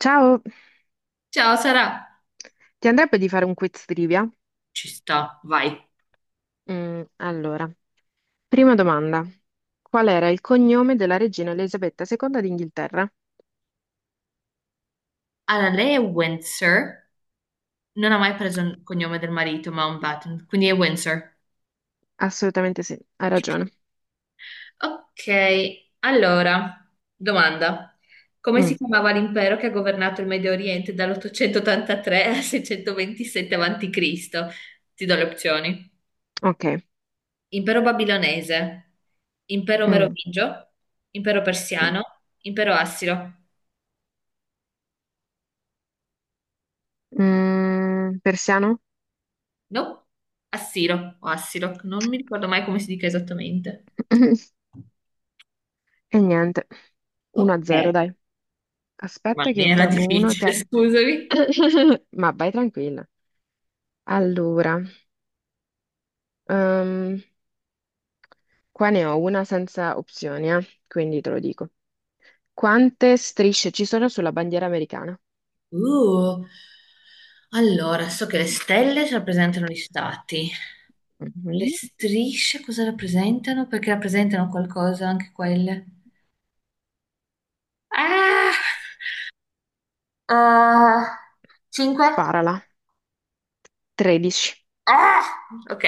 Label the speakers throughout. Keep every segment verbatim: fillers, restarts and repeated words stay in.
Speaker 1: Ciao,
Speaker 2: Ciao Sara,
Speaker 1: ti andrebbe di fare un quiz trivia?
Speaker 2: ci sta, vai.
Speaker 1: Mm, allora, prima domanda. Qual era il cognome della regina Elisabetta seconda d'Inghilterra?
Speaker 2: Allora, lei è Windsor, non ha mai preso il cognome del marito Mountbatten, quindi è Windsor.
Speaker 1: Assolutamente sì, hai ragione.
Speaker 2: Ok, allora, domanda. Come si
Speaker 1: Mm,
Speaker 2: chiamava l'impero che ha governato il Medio Oriente dall'ottocentottantatré al seicentoventisette avanti Cristo? Ti do le opzioni.
Speaker 1: ok.
Speaker 2: Impero babilonese, impero
Speaker 1: Mm,
Speaker 2: merovingio, impero
Speaker 1: mm.
Speaker 2: persiano, impero assiro.
Speaker 1: Mm, persiano?
Speaker 2: No, assiro o assiro, non mi ricordo mai come si dica esattamente.
Speaker 1: E niente.
Speaker 2: Ok,
Speaker 1: uno a zero, dai.
Speaker 2: ma
Speaker 1: Aspetta
Speaker 2: mi
Speaker 1: che
Speaker 2: era
Speaker 1: trovo uno che
Speaker 2: difficile,
Speaker 1: abbia.
Speaker 2: scusami.
Speaker 1: Ma vai tranquilla. Allora, ehm, qua ne ho una senza opzioni, eh, quindi te lo dico. Quante strisce ci sono sulla bandiera americana?
Speaker 2: Uh, Allora, so che le stelle rappresentano gli stati. Le
Speaker 1: Mhm.
Speaker 2: strisce cosa rappresentano? Perché rappresentano qualcosa anche quelle. Ah! Ah, cinque?
Speaker 1: Sparala. tredici.
Speaker 2: Ah! Ok.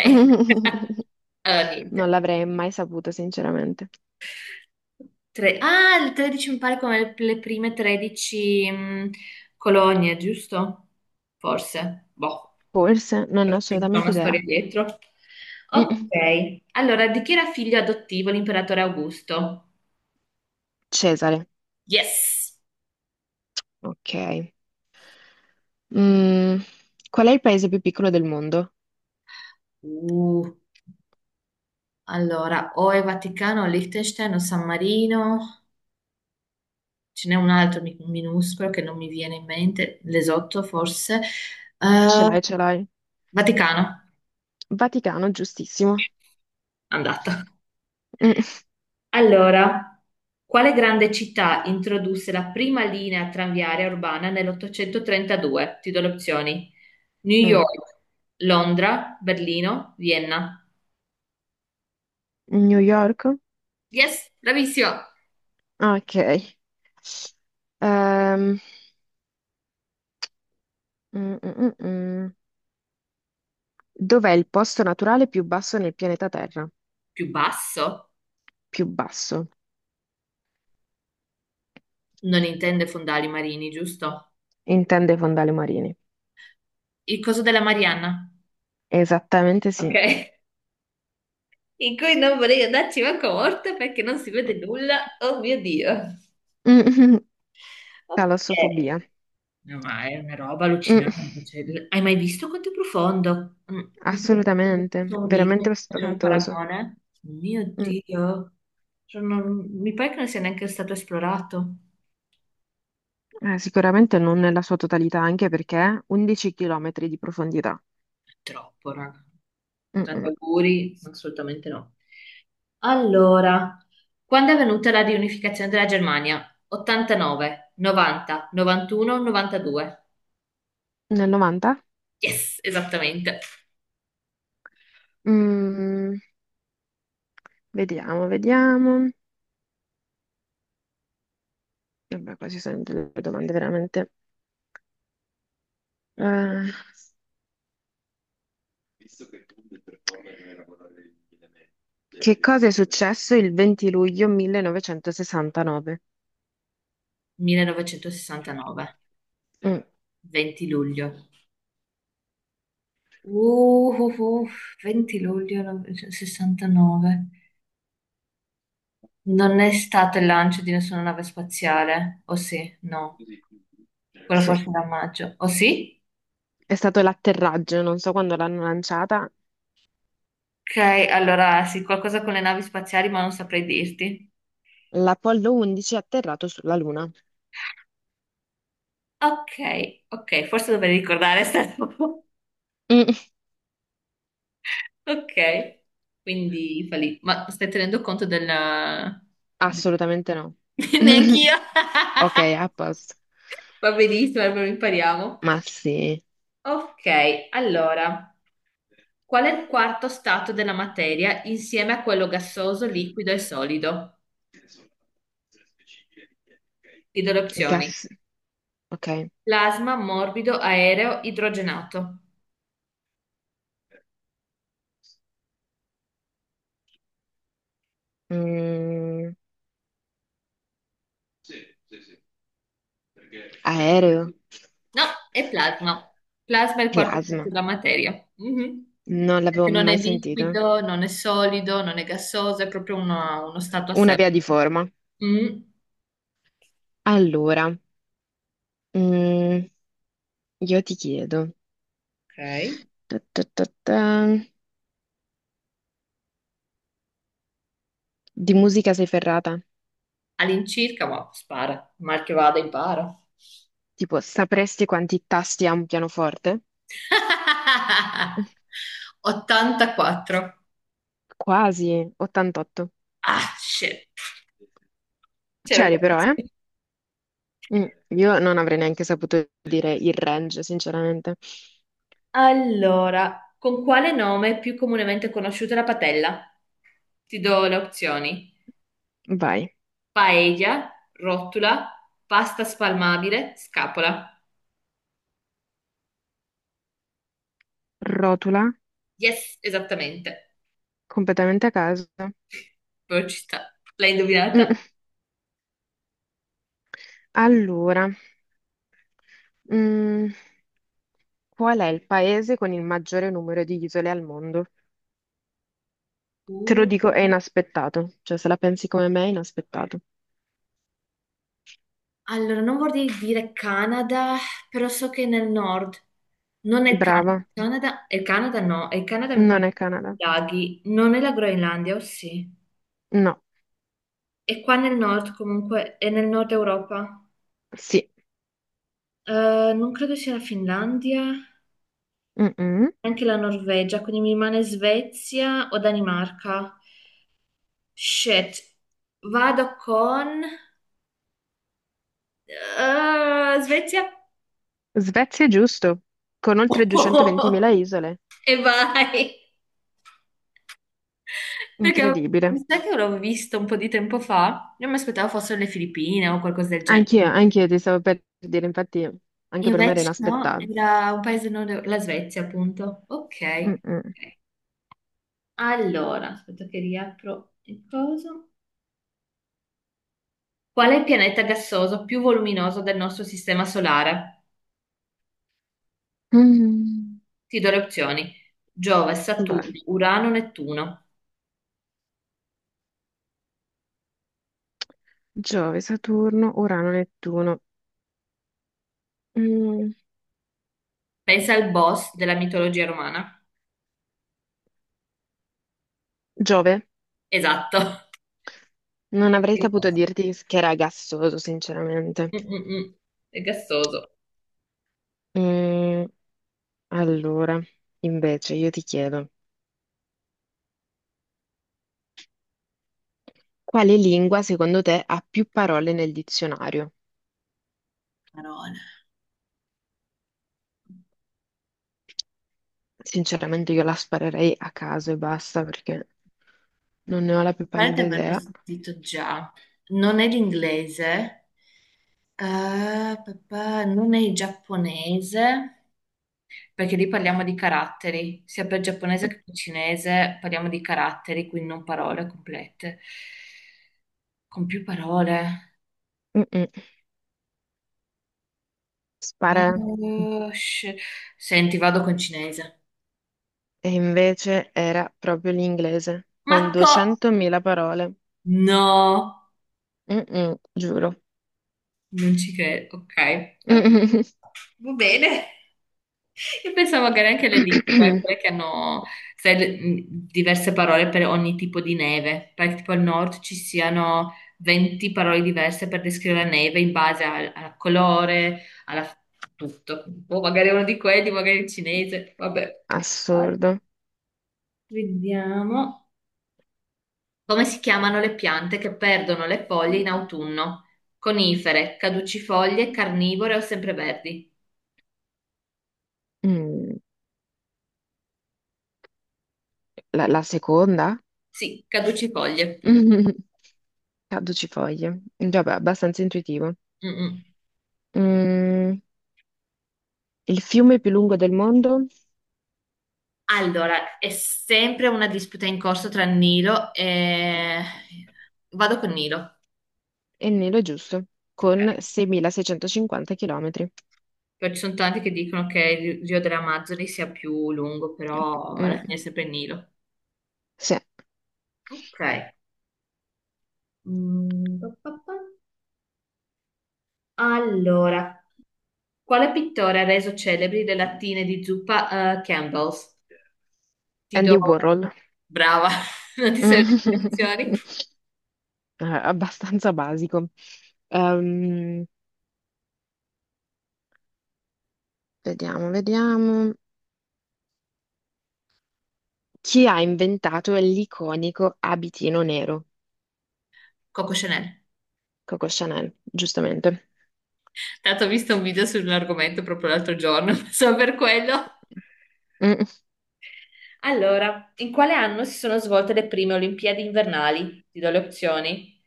Speaker 2: Allora,
Speaker 1: Non
Speaker 2: niente.
Speaker 1: l'avrei mai saputo, sinceramente.
Speaker 2: Tre. Ah, il tredici mi pare come le le prime 13 mm, colonie, giusto? Forse. Boh.
Speaker 1: Forse, non ne ho
Speaker 2: C'è
Speaker 1: assolutamente
Speaker 2: una
Speaker 1: idea.
Speaker 2: storia dietro.
Speaker 1: Mm.
Speaker 2: Ok, allora di chi era figlio adottivo l'imperatore Augusto?
Speaker 1: Cesare,
Speaker 2: Yes!
Speaker 1: ok. Mm, Qual è il paese più piccolo del mondo?
Speaker 2: Uh, allora, o è Vaticano, o Liechtenstein, o San Marino, ce n'è un altro mi- minuscolo che non mi viene in mente, l'esotto forse.
Speaker 1: Ce
Speaker 2: Eh,
Speaker 1: l'hai, ce l'hai.
Speaker 2: Vaticano,
Speaker 1: Vaticano, giustissimo.
Speaker 2: andata.
Speaker 1: Mm.
Speaker 2: Allora, quale grande città introdusse la prima linea tranviaria urbana nell'ottocentotrentadue? Ti do le opzioni. New
Speaker 1: Mm.
Speaker 2: York, Londra, Berlino, Vienna.
Speaker 1: New York?
Speaker 2: Yes, bravissima.
Speaker 1: Ok. Ehm, mm, mm, mm, mm. Dov'è il posto naturale più basso nel pianeta Terra?
Speaker 2: Più basso?
Speaker 1: Più basso.
Speaker 2: Non intende fondali marini, giusto?
Speaker 1: Intende i fondali marini.
Speaker 2: Il coso della Marianna.
Speaker 1: Esattamente
Speaker 2: Ok.
Speaker 1: sì.
Speaker 2: In cui non vorrei andarci manco morta perché non si vede
Speaker 1: Mm,
Speaker 2: nulla. Oh mio Dio. Ok.
Speaker 1: Talassofobia.
Speaker 2: No, ma è una roba
Speaker 1: Mm,
Speaker 2: allucinante. Cioè, l- hai mai visto quanto è profondo? Mm, Mi pare che sia
Speaker 1: Assolutamente,
Speaker 2: un video,
Speaker 1: veramente
Speaker 2: facciamo il
Speaker 1: spaventoso.
Speaker 2: paragone. Oh mio
Speaker 1: Mm,
Speaker 2: Dio. Cioè, non- mi pare che non sia neanche stato esplorato.
Speaker 1: eh, Sicuramente non nella sua totalità, anche perché undici chilometri di profondità.
Speaker 2: Troppo, raga. Tanti
Speaker 1: Mm-mm.
Speaker 2: auguri. No, assolutamente no. Allora, quando è avvenuta la riunificazione della Germania? ottantanove, novanta, novantuno, novantadue.
Speaker 1: Nel novanta?
Speaker 2: Yes, esattamente.
Speaker 1: Mm, Vediamo, vediamo. Vabbè, qua ci sono delle domande veramente. Eh, che cosa è successo il venti luglio millenovecentosessantanove?
Speaker 2: millenovecentosessantanove,
Speaker 1: Mm,
Speaker 2: venti luglio. Uh, uh, uh, venti luglio millenovecentosessantanove. Non è stato il lancio di nessuna nave spaziale, o sì? No. Quello
Speaker 1: sì.
Speaker 2: forse era a maggio. O sì?
Speaker 1: È stato l'atterraggio, non so quando l'hanno lanciata.
Speaker 2: Ok, allora sì, qualcosa con le navi spaziali, ma non saprei dirti.
Speaker 1: L'Apollo undici è atterrato sulla Luna.
Speaker 2: Ok, ok, forse dovrei ricordare sta roba.
Speaker 1: Mm,
Speaker 2: Ok, quindi fa lì. Ma stai tenendo conto della... de-
Speaker 1: Assolutamente no.
Speaker 2: Neanch'io.
Speaker 1: Ok, a posto.
Speaker 2: Va benissimo, allora impariamo.
Speaker 1: Ma sì,
Speaker 2: Ok, allora, qual è il quarto stato della materia insieme a quello gassoso, liquido e solido? Ti do le opzioni.
Speaker 1: gas. Ok.
Speaker 2: Plasma, morbido, aereo, idrogenato.
Speaker 1: Mm, Aereo,
Speaker 2: No, è plasma. Plasma è il quarto stato
Speaker 1: plasma.
Speaker 2: della materia. Mhm.
Speaker 1: Non l'avevo
Speaker 2: Perché non è
Speaker 1: mai sentito.
Speaker 2: liquido, non è solido, non è gassoso, è proprio una- uno stato a
Speaker 1: Una
Speaker 2: sé.
Speaker 1: via di forma.
Speaker 2: Mm.
Speaker 1: Allora, mm, io ti chiedo.
Speaker 2: Ok.
Speaker 1: Ta ta ta ta. Di musica sei ferrata?
Speaker 2: All'incirca, ma spara, mal che vada, impara.
Speaker 1: Tipo, sapresti quanti tasti ha un pianoforte?
Speaker 2: ottantaquattro.
Speaker 1: Quasi, ottantotto.
Speaker 2: Ah, shit. C'ero
Speaker 1: C'eri però, eh?
Speaker 2: quasi.
Speaker 1: Mm, Io non avrei neanche saputo dire il range, sinceramente.
Speaker 2: Allora, con quale nome è più comunemente conosciuta la patella? Ti do le opzioni.
Speaker 1: Vai,
Speaker 2: Paella, rotula, pasta spalmabile, scapola.
Speaker 1: rotula,
Speaker 2: Yes, esattamente.
Speaker 1: completamente a caso.
Speaker 2: Però ci sta. L'hai indovinata?
Speaker 1: Mm, Allora, mm, qual è il paese con il maggiore numero di isole al mondo? Te
Speaker 2: Uh,
Speaker 1: lo dico, è inaspettato. Cioè, se la pensi come me, è inaspettato.
Speaker 2: allora, non vorrei dire Canada, però so che è nel nord. Non è il Canada.
Speaker 1: Brava,
Speaker 2: Canada, il Canada no, il Canada mi pare
Speaker 1: non è
Speaker 2: che
Speaker 1: Canada.
Speaker 2: sia i laghi. Non è la Groenlandia, o sì?
Speaker 1: No.
Speaker 2: È qua nel nord comunque, è nel nord Europa.
Speaker 1: Sì,
Speaker 2: Eh, non credo sia la Finlandia,
Speaker 1: mm-mm.
Speaker 2: anche la Norvegia, quindi mi rimane Svezia o Danimarca. Shit, vado con eh, Svezia
Speaker 1: Svezia è giusto, con oltre duecentoventimila isole,
Speaker 2: e vai. Perché
Speaker 1: incredibile.
Speaker 2: mi sa che l'ho visto un po' di tempo fa. Io mi aspettavo fossero le Filippine o qualcosa del genere.
Speaker 1: Anch'io, anch'io ti stavo per dire, infatti anche per me era
Speaker 2: Invece no,
Speaker 1: inaspettato.
Speaker 2: era un paese nord, la Svezia, appunto. Ok.
Speaker 1: Mm-mm.
Speaker 2: Ok. Allora, aspetta che riapro il coso. Qual è il pianeta gassoso più voluminoso del nostro sistema solare?
Speaker 1: Mm.
Speaker 2: Ti do le opzioni. Giove,
Speaker 1: Vai.
Speaker 2: Saturno, Urano, Nettuno.
Speaker 1: Giove, Saturno, Urano, Nettuno. Mm.
Speaker 2: Pensa al boss della mitologia romana.
Speaker 1: Giove,
Speaker 2: Esatto.
Speaker 1: non avrei saputo dirti che era gassoso, sinceramente.
Speaker 2: Mm-mm-mm. È gassoso.
Speaker 1: Mm, Allora, invece, io ti chiedo, quale lingua secondo te ha più parole nel dizionario?
Speaker 2: Parola.
Speaker 1: Sinceramente io la sparerei a caso e basta perché non ne ho la più
Speaker 2: Pare di
Speaker 1: pallida
Speaker 2: averlo
Speaker 1: idea.
Speaker 2: sentito già. Non è l'inglese, eh, papà, non è il giapponese, perché lì parliamo di caratteri, sia per giapponese che per cinese parliamo di caratteri, quindi non parole complete, con più parole.
Speaker 1: Mm-mm. Spara.
Speaker 2: Oh, sh- Senti, vado con cinese.
Speaker 1: E invece era proprio l'inglese, con
Speaker 2: Ma co-
Speaker 1: duecentomila parole.
Speaker 2: No!
Speaker 1: Mm-mm, giuro.
Speaker 2: Non ci credo, ok. Ok,
Speaker 1: Mm-mm.
Speaker 2: va bene. Io pensavo magari anche le lingue, quelle che hanno sai, le- mh, diverse parole per ogni tipo di neve, perché tipo al nord ci siano venti parole diverse per descrivere la neve in base al, al colore, alla tutto. O magari uno di quelli, magari il cinese, vabbè. Allora,
Speaker 1: Assurdo.
Speaker 2: vediamo come si chiamano le piante che perdono le foglie in autunno. Conifere, caducifoglie, carnivore o sempreverdi?
Speaker 1: Mm. La, la seconda?
Speaker 2: Sì, caducifoglie.
Speaker 1: Mm. Caducifoglie. Vabbè, abbastanza intuitivo.
Speaker 2: Mm, mm.
Speaker 1: Mm, Il fiume più lungo del mondo?
Speaker 2: Allora, è sempre una disputa in corso tra Nilo e... Vado con Nilo.
Speaker 1: E il nero è giusto, con
Speaker 2: Ok.
Speaker 1: seimilaseicentocinquanta chilometri.
Speaker 2: Poi ci sono tanti che dicono che il Rio delle Amazzoni sia più lungo, però alla fine
Speaker 1: Mm,
Speaker 2: è sempre Nilo.
Speaker 1: sì.
Speaker 2: Ok. Mm, pa, pa, pa. Allora, quale pittore ha reso celebri le lattine di zuppa eh, Campbell's? Ti do...
Speaker 1: Andy Warhol.
Speaker 2: Brava, non ti servono le istruzioni.
Speaker 1: Eh, Abbastanza basico. Ehm, Vediamo, vediamo. Chi ha inventato l'iconico abitino nero?
Speaker 2: Coco Chanel.
Speaker 1: Coco Chanel, giustamente.
Speaker 2: Tanto ho visto un video sull'argomento proprio l'altro giorno, solo per quello.
Speaker 1: Mm,
Speaker 2: Allora, in quale anno si sono svolte le prime Olimpiadi invernali? Ti do le opzioni.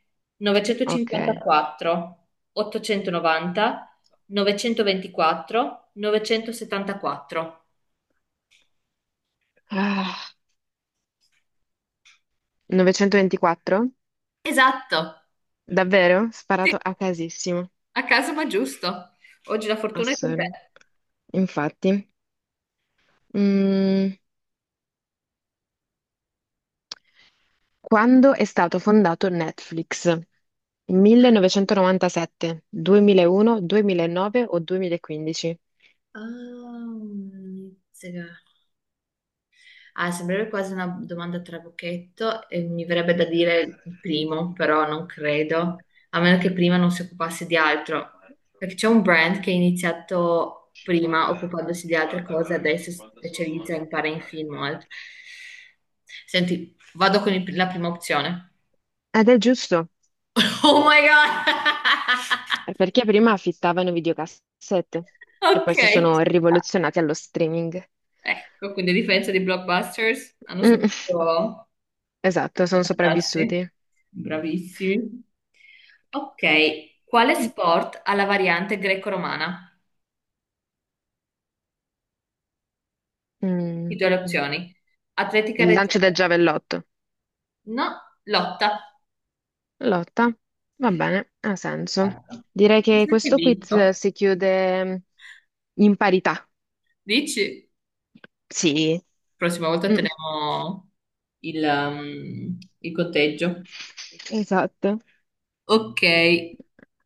Speaker 1: ok.
Speaker 2: novecentocinquantaquattro, ottocentonovanta, novecentoventiquattro, novecentosettantaquattro.
Speaker 1: Ah, novecentoventiquattro?
Speaker 2: Esatto,
Speaker 1: Davvero? Sparato
Speaker 2: sì,
Speaker 1: a casissimo.
Speaker 2: a caso ma giusto. Oggi la fortuna è con te.
Speaker 1: Assurdo. Infatti. Mm, Quando è stato fondato Netflix? millenovecentonovantasette, duemilauno, duemilanove o duemilaquindici?
Speaker 2: Ah, mizzega. Ah, sembrerebbe quasi una domanda a trabocchetto e mi verrebbe da dire il primo, però non credo, a meno che prima non si occupasse di altro, perché c'è un brand che è iniziato prima occupandosi di altre cose, adesso si specializza in fare in film o altro. Senti, vado con il- la prima opzione.
Speaker 1: Ed è giusto,
Speaker 2: Oh my God!
Speaker 1: perché prima affittavano videocassette e poi
Speaker 2: Ok.
Speaker 1: si sono rivoluzionati allo streaming.
Speaker 2: Ecco, quindi a differenza di Blockbusters, hanno
Speaker 1: Mm,
Speaker 2: saputo...
Speaker 1: esatto, sono
Speaker 2: Darsi.
Speaker 1: sopravvissuti.
Speaker 2: Bravissimi. Ok, quale sport ha la variante greco-romana? Ti
Speaker 1: Mm,
Speaker 2: do le opzioni. Atletica
Speaker 1: Il lancio
Speaker 2: leggera.
Speaker 1: del giavellotto.
Speaker 2: No, lotta.
Speaker 1: Lotta. Va bene, ha senso.
Speaker 2: Allora,
Speaker 1: Direi
Speaker 2: penso
Speaker 1: che
Speaker 2: che hai
Speaker 1: questo quiz
Speaker 2: vinto.
Speaker 1: si chiude in parità.
Speaker 2: Dici?
Speaker 1: Sì.
Speaker 2: Prossima volta
Speaker 1: Mm,
Speaker 2: teniamo il, um, il conteggio.
Speaker 1: esatto.
Speaker 2: Ok,